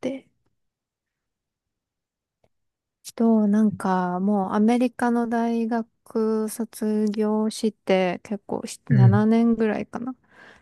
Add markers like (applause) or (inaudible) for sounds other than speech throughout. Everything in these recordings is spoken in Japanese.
で、と、なんか、もうアメリカの大学卒業して結構う7ん、年ぐらいかな、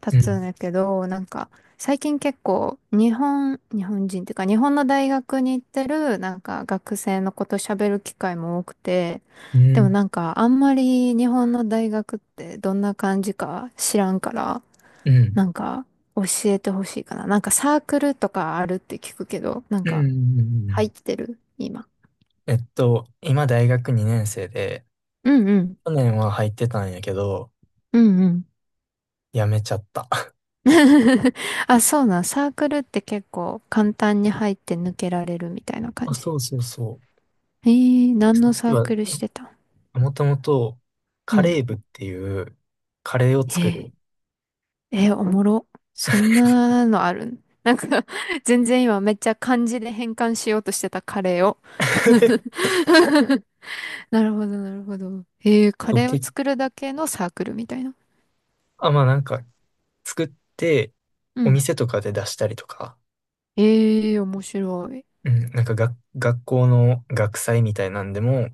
経うつんん、だけど、最近結構日本人っていうか日本の大学に行ってるなんか学生のこと喋る機会も多くて、うでもん、なんかあんまり日本の大学ってどんな感じか知らんから、うん、うん、なんか教えてほしいかな。なんかサークルとかあるって聞くけど、なんうかん。う入っん。てる今。今大学2年生で、うんうん。去年は入ってたんやけど、うんうん。辞めちゃった。(laughs) (laughs) あ、そうなん。サークルって結構簡単に入って抜けられるみたいな感あ、じ。そうそうそう。えー、何のサ要ーは、クルしてたん？もともと、うカん。レー部っていう、カレーを作る。えー、おもろ。そんなのあるん？ (laughs) なんか (laughs) 全然今めっちゃ漢字で変換しようとしてたカレーを。 (laughs) (laughs) なるほど、なるほど。えー、カそう、レーを作るだけのサークルみたいな。あ、まあなんか、作って、うおん。店とかで出したりとか、えー、面白い。うん、なんかが、学校の学祭みたいなんでも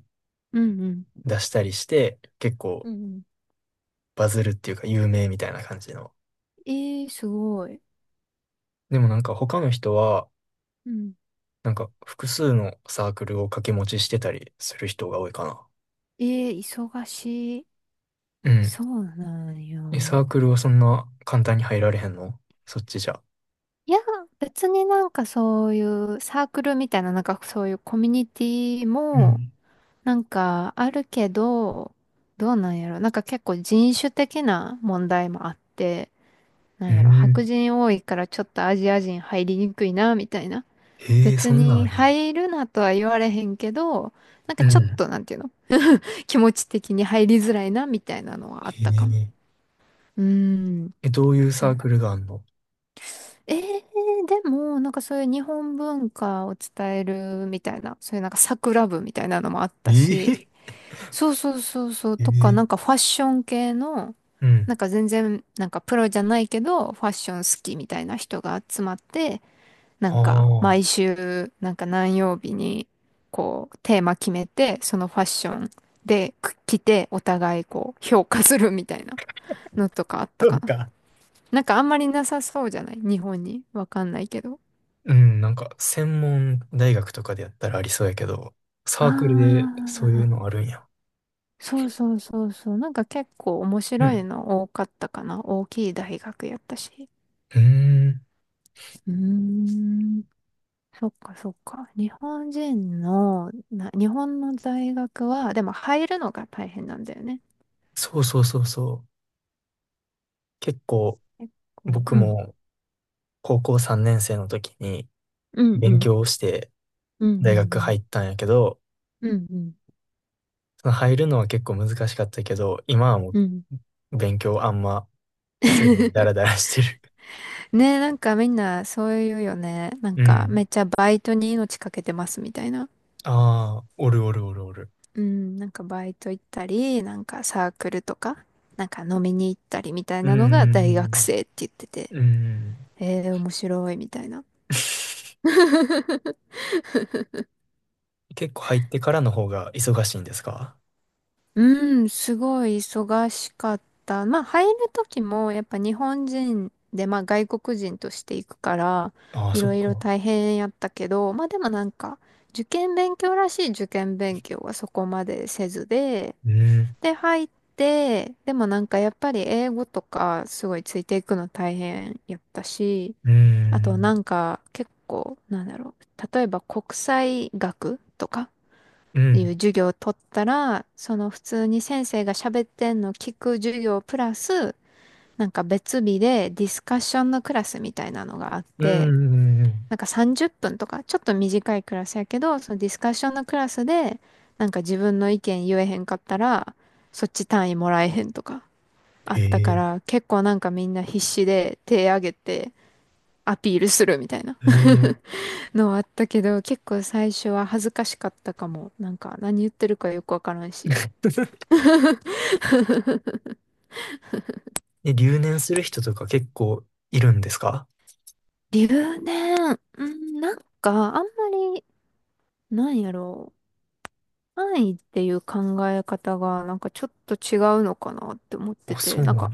うんうん。出したりして、結構うんうバズるっていうか有名みたいな感じの。ん。えー、すごい。でもなんか他の人は、うん、なんか複数のサークルを掛け持ちしてたりする人が多いかな。ええ忙しい。うん。そうなんえ、よ。サークルはそんな簡単に入られへんの、そっちじゃ？いや、別になんかそういうサークルみたいな、なんかそういうコミュニティうも、ん。なんかあるけど、どうなんやろ。なんか結構人種的な問題もあって、なうんやろ。白ん。人多いからちょっとアジア人入りにくいな、みたいな。へえ、別そんなんにあるんや。入るなとは言われへんけど、なんかうちょっん。となんていうの？ (laughs) 気持ち的に入りづらいな、みたいなのはあっへたかも。え。うーん。え、どういうサークルがあんの？ええでも、なんかそういう日本文化を伝えるみたいな、そういうなんか桜部みたいなのもあったし、ええ、そうそうそうそう、へとか、え、なんかファッション系の、うん。なんか全然、なんかプロじゃないけど、ファッション好きみたいな人が集まって、なあんかあ。毎週、なんか何曜日に、こう、テーマ決めて、そのファッションでく着て、お互いこう、評価するみたいなのとかあったそかうな。か。なんかあんまりなさそうじゃない日本に。わかんないけど。うん、なんか専門大学とかでやったらありそうやけど、サークルであそういうのあ、あるんや。そうそうそうそう。なんか結構面う白いん。の多かったかな。大きい大学やったし。うーん。うーん。そっかそっか。日本の大学は、でも入るのが大変なんだよね。そうそうそうそう。結構結構、僕うん。も高校3年生の時にうんう勉ん。強をしてうんう大学入んったんやけど、うん。うんうん。その入るのは結構難しかったけど、今はもうん。う勉強あんませずにダラ (laughs) ダラしてる。ねえ、なんかみんなそういうよね。なんうかめん。っちゃバイトに命かけてますみたいな。ああ、おるおるおるおる。うん、なんかバイト行ったり、なんかサークルとか、なんか飲みに行ったりみたいうーなのが大学ん。生って言ってて、うーん。えー、面白いみたいな。(laughs) 結構入ってからの方が忙しいんですか？うん、すごい忙しかった。まあ入る時もやっぱ日本人で、まあ外国人として行くから、ああー、いそっろいろか。大変やったけど、まあでもなんか、受験勉強らしい受験勉強はそこまでせずで、うん。で、入って、でもなんかやっぱり英語とかすごいついていくの大変やったし、うーあとなん。んか結構、なんだろう、例えば国際学とかういん。う授業を取ったら、その普通に先生が喋ってんの聞く授業プラス、なんか別日でディスカッションのクラスみたいなのがあっうん。うて、んうんうん、なんか30分とか、ちょっと短いクラスやけど、そのディスカッションのクラスで、なんか自分の意見言えへんかったら、そっち単位もらえへんとか、あへったかえ。ら、結構なんかみんな必死で手挙げてアピールするみたいな へえ。(laughs) のあったけど、結構最初は恥ずかしかったかも。なんか何言ってるかよくわからんし。(laughs) え、留年する人とか結構いるんですか？留年、うん、なんかあんまり、なんやろう。単位っていう考え方がなんかちょっと違うのかなって思ってあ、そて、うなんなの。か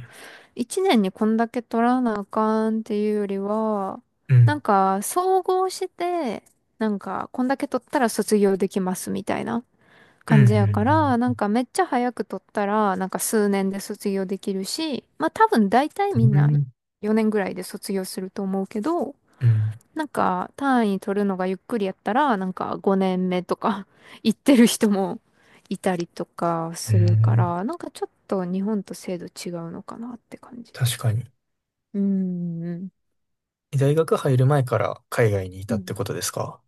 一年にこんだけ取らなあかんっていうよりは、うなんん。か総合して、なんかこんだけ取ったら卒業できますみたいなう感じやから、ん、なんかめっちゃ早く取ったら、なんか数年で卒業できるし、まあ多分大体うみんん、なうん。4年ぐらいで卒業すると思うけど、うん、なんか単位取るのがゆっくりやったら、なんか5年目とか (laughs) 行ってる人もいたりとかうん。すうるかん、ら、なんかちょっと日本と制度違うのかなって感じ。確かに。うーん。ん、え、大学入る前から海外にいうたってん、ことですか？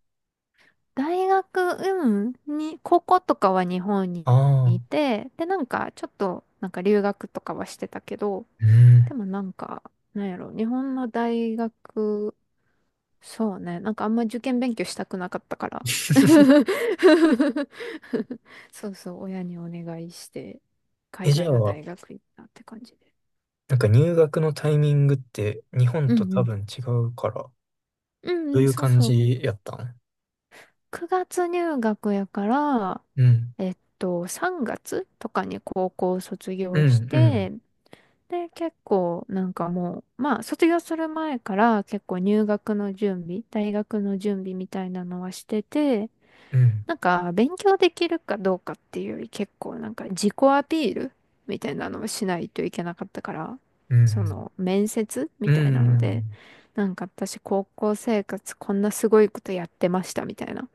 うん、高校とかは日本にあいあて、で、なんか、ちょっと、なんか留学とかはしてたけど、ー、うでん。もなんか、なんやろ、日本の大学、そうね、なんかあんま受験勉強したくなかったから。(laughs) (laughs) そうそう、親にお願いして、え、海じゃ外のあ、大学行ったって感じで。なんか入学のタイミングって日本うとんう多ん。分違うから、うんどうういん、うそう感そう。じやったん？9月入学やから、うん。3月とかに高校卒うん、業しうん、て、で、結構なんかもう、まあ、卒業する前から結構入学の準備、大学の準備みたいなのはしてて、うん、なんか勉強できるかどうかっていうより結構なんか自己アピールみたいなのをしないといけなかったから、うそん、の面接みうたいん、なのうで、ん。なんか私高校生活こんなすごいことやってましたみたいな。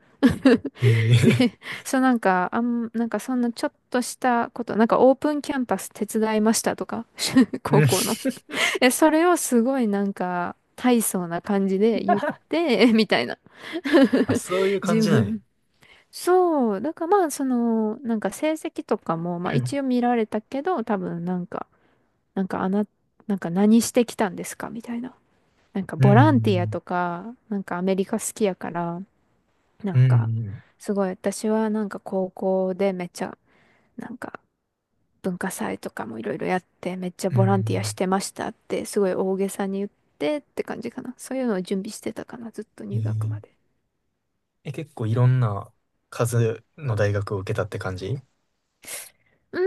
ええ (laughs) ー、で、そうなんか、なんかそんなちょっとしたこと、なんかオープンキャンパス手伝いましたとか、(laughs) 高うん。校の。(laughs) え、それをすごいなんか大層な感じで言って、(laughs) みたいな。あ、(laughs) そういう感自じなんや。分。そう、だからまあその、なんか成績とかも、まあうん。一応見られたけど、多分なんか、なんかあな、なんか何してきたんですかみたいな。なんかうボランティアん。とか、なんかアメリカ好きやから、なうんか、ん、すごい私はなんか高校でめっちゃ、なんか文化祭とかもいろいろやって、めっちゃうボランティアしん。てましたって、すごい大げさに言って感じかな。そういうのを準備してたかな、ずっとう入学まん。で。え、結構いろんな数の大学を受けたって感じ？うー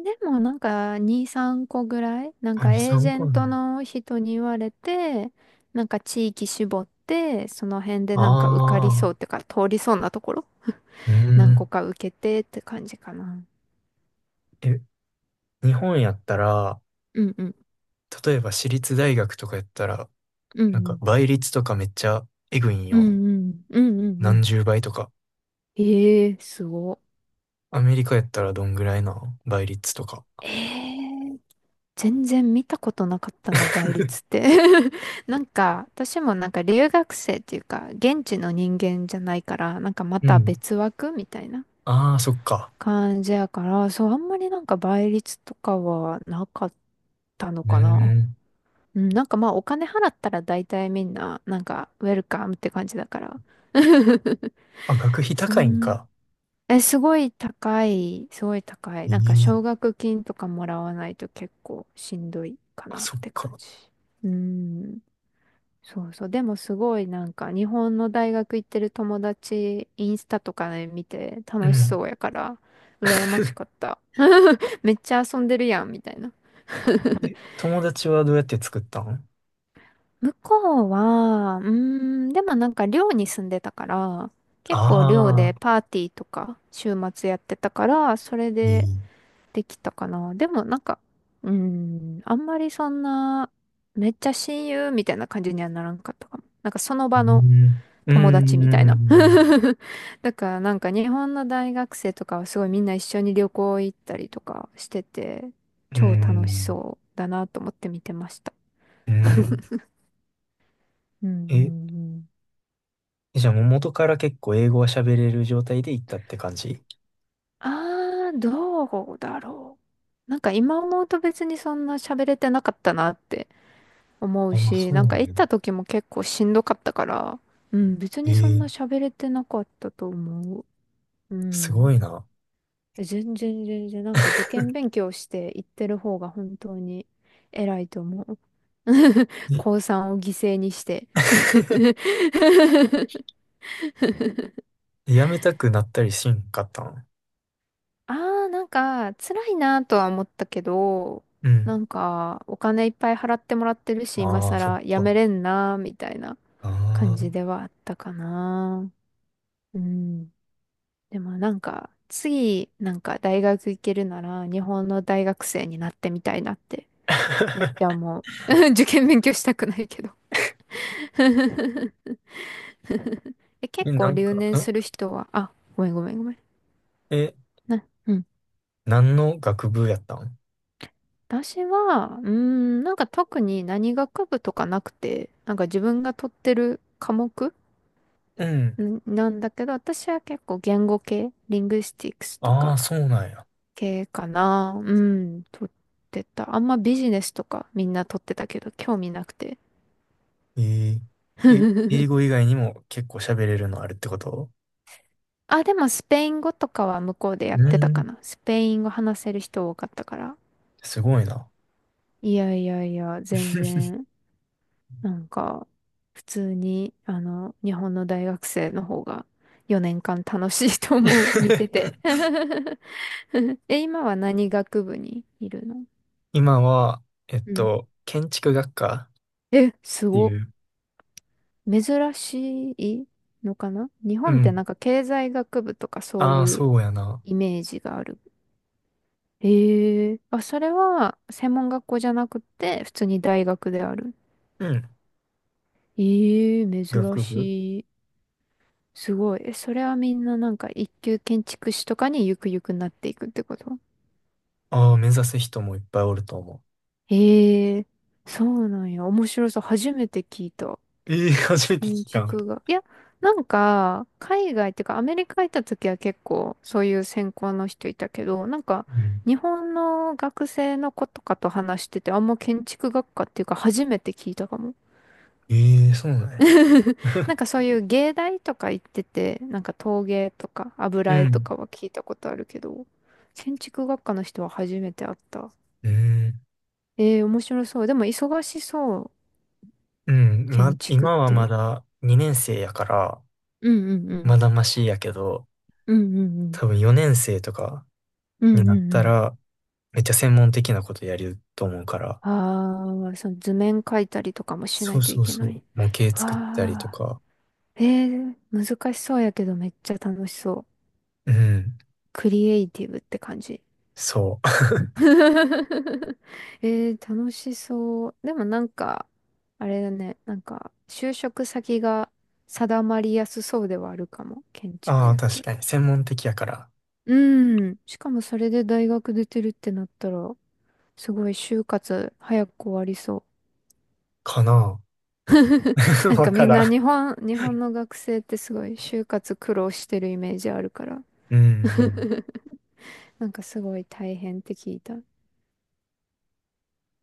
ん、でもなんか2、3個ぐらい、なんあ、か2、エージ3ェ個ンなんトや。の人に言われて、なんか地域絞って、その辺でなんか受かりそうっああ、ていうか、通りそうなところ、う何個ん。か受けてって感じかな。え、日本やったら、うんうん。例えば私立大学とかやったら、うんうなんかん倍率とかめっちゃえぐいんうんよ。うんうんうんう何ん。十倍とか。ええすごアメリカやったらどんぐらいな、倍率とか？ええ全然見たことなかったな、倍率っ (laughs) て。(laughs) なんか、私もなんか留学生っていうか、現地の人間じゃないから、なんかまうたん。別枠みたいなああ、そっか。感じやから、そう、あんまりなんか倍率とかはなかったのうかな。ん。うん、なんかまあお金払ったら大体みんな、なんかウェルカムって感じだから。(laughs) あ、学費そ高いんんか？え、すごい高い、すごい高い。なんかええ、奨学金とかもらわないと結構しんどいかあ、なっそって感か。じ。うーん。そうそう。でもすごいなんか日本の大学行ってる友達、インスタとかで見てう楽しそん。うやから、羨ましかった。(laughs) めっちゃ遊んでるやん、みたいな。え、友達はどうやって作ったん？向こうは、うーん、でもなんか寮に住んでたから、結構寮あであパーティーとか週末やってたから、それー、いでい。できたかな。でもなんか、うーん、あんまりそんな、めっちゃ親友みたいな感じにはならんかったかも。なんかそのう場のん。うー友達みたいな。ん、(laughs) だからなんか日本の大学生とかはすごいみんな一緒に旅行行ったりとかしてて、うー超楽しん、そうだなと思って見てました。うーん。うんうえ、んうん。じゃあもう元から結構英語は喋れる状態で行ったって感じ？あー、どうだろう。今思うと別にそんな喋れてなかったなって思うああ、し、そうなんなかの行っね。た時も結構しんどかったから、うん、別にそんえなー、喋れてなかったと思う。うすん。ごいな。全然全然、なんか受験勉強して行ってる方が本当に偉いと思う。(laughs) 高3を犠牲にして。(laughs) え、 (laughs) やめたくなったりしんかったん？ああ、なんか辛いなとは思ったけど、うなん。んかお金いっぱい払ってもらってるし、今ああ、そっ更やめか。れんなみたいなあ感じあ、ではあったかな。うん。でもなんか、次、なんか大学行けるなら、日本の大学生になってみたいなって、めっちゃ思う。(laughs) 受験勉強したくないけど。 (laughs) え、え、結な構ん留か、年んする人は、あ、ごめんごめんごめん。え、な、うん。何の学部やったん？私は、なんか特に何学部とかなくて、なんか自分が取ってる科目うん。んなんだけど、私は結構言語系、リングスティックスとあか、あ、そうなんや。系かな。うん、撮ってた。あんまビジネスとかみんな撮ってたけど、興味なくて。ええ、英語以 (laughs) 外にも結構喋れるのあるってこと？あ、でもスペイン語とかは向こうでやっうてたかん、な。スペイン語話せる人多かったから。すごいな。いやいやいや、全然、なんか、普通に、あの、日本の大学生の方が4年間楽しいと思う、見てて。(laughs) (laughs) え、今は何学部にいるの？今は、うん。建築学科っえ、すてごっ。いう。珍しいのかな、日う本って。ん。なんか経済学部とかそうああ、いうそうやな。イメージがある。ええ、あ、それは専門学校じゃなくて普通に大学である。うん。ええ、珍学部。しい。すごい。え、それはみんななんか一級建築士とかにゆくゆくなっていくってこと？ああー、目指す人もいっぱいおると思ええ、そうなんや。面白そう。初めて聞いた。う。ええ、 (laughs) 初めて建聞いた。う築が。いや、なんか、海外っていうか、アメリカ行った時は結構、そういう専攻の人いたけど、なんか、日ん。本の学生の子とかと話してて、あんま建築学科っていうか、初めて聞いたかも。ええ、そうなんや。(laughs) な (laughs) んかそういう芸大とか行ってて、なんか陶芸とかう油絵とん。かは聞いたことあるけど、建築学科の人は初めて会った。(laughs) うん。ええー、面白そう。でも忙しそう、うん。ま、建築っ今はまて。だ2年生やから、うんうんうん。まだマシやけど、うんうんうん。多分4年生とかうんになうっんうたん。ら、めっちゃ専門的なことやると思うから。ああ、その図面描いたりとかもしなそういとそいうけそなう。い。模型わ作ったりとあ、か。えー、難しそうやけどめっちゃ楽しそう。うん。クリエイティブって感じ。そう。(laughs) えー、楽しそう。でもなんか、あれだね、なんか、就職先が定まりやすそうではあるかも。建 (laughs) 築ああ、やっ確たら。かに。専門的やから。うん。しかもそれで大学出てるってなったら、すごい就活早く終わりそう。かな。(laughs) なん (laughs) わかかみんらな日ん。本、日本の学生ってすごい就活苦労してるイメージあるから。うん (laughs) なんかすごい大変って聞いた。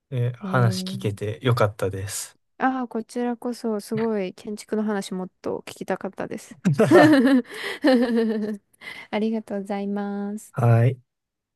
うん。え、え話聞けー、てよかったです。ああ、こちらこそすごい建築の話もっと聞きたかったです。(laughs) (laughs) ありがとうございます。はい。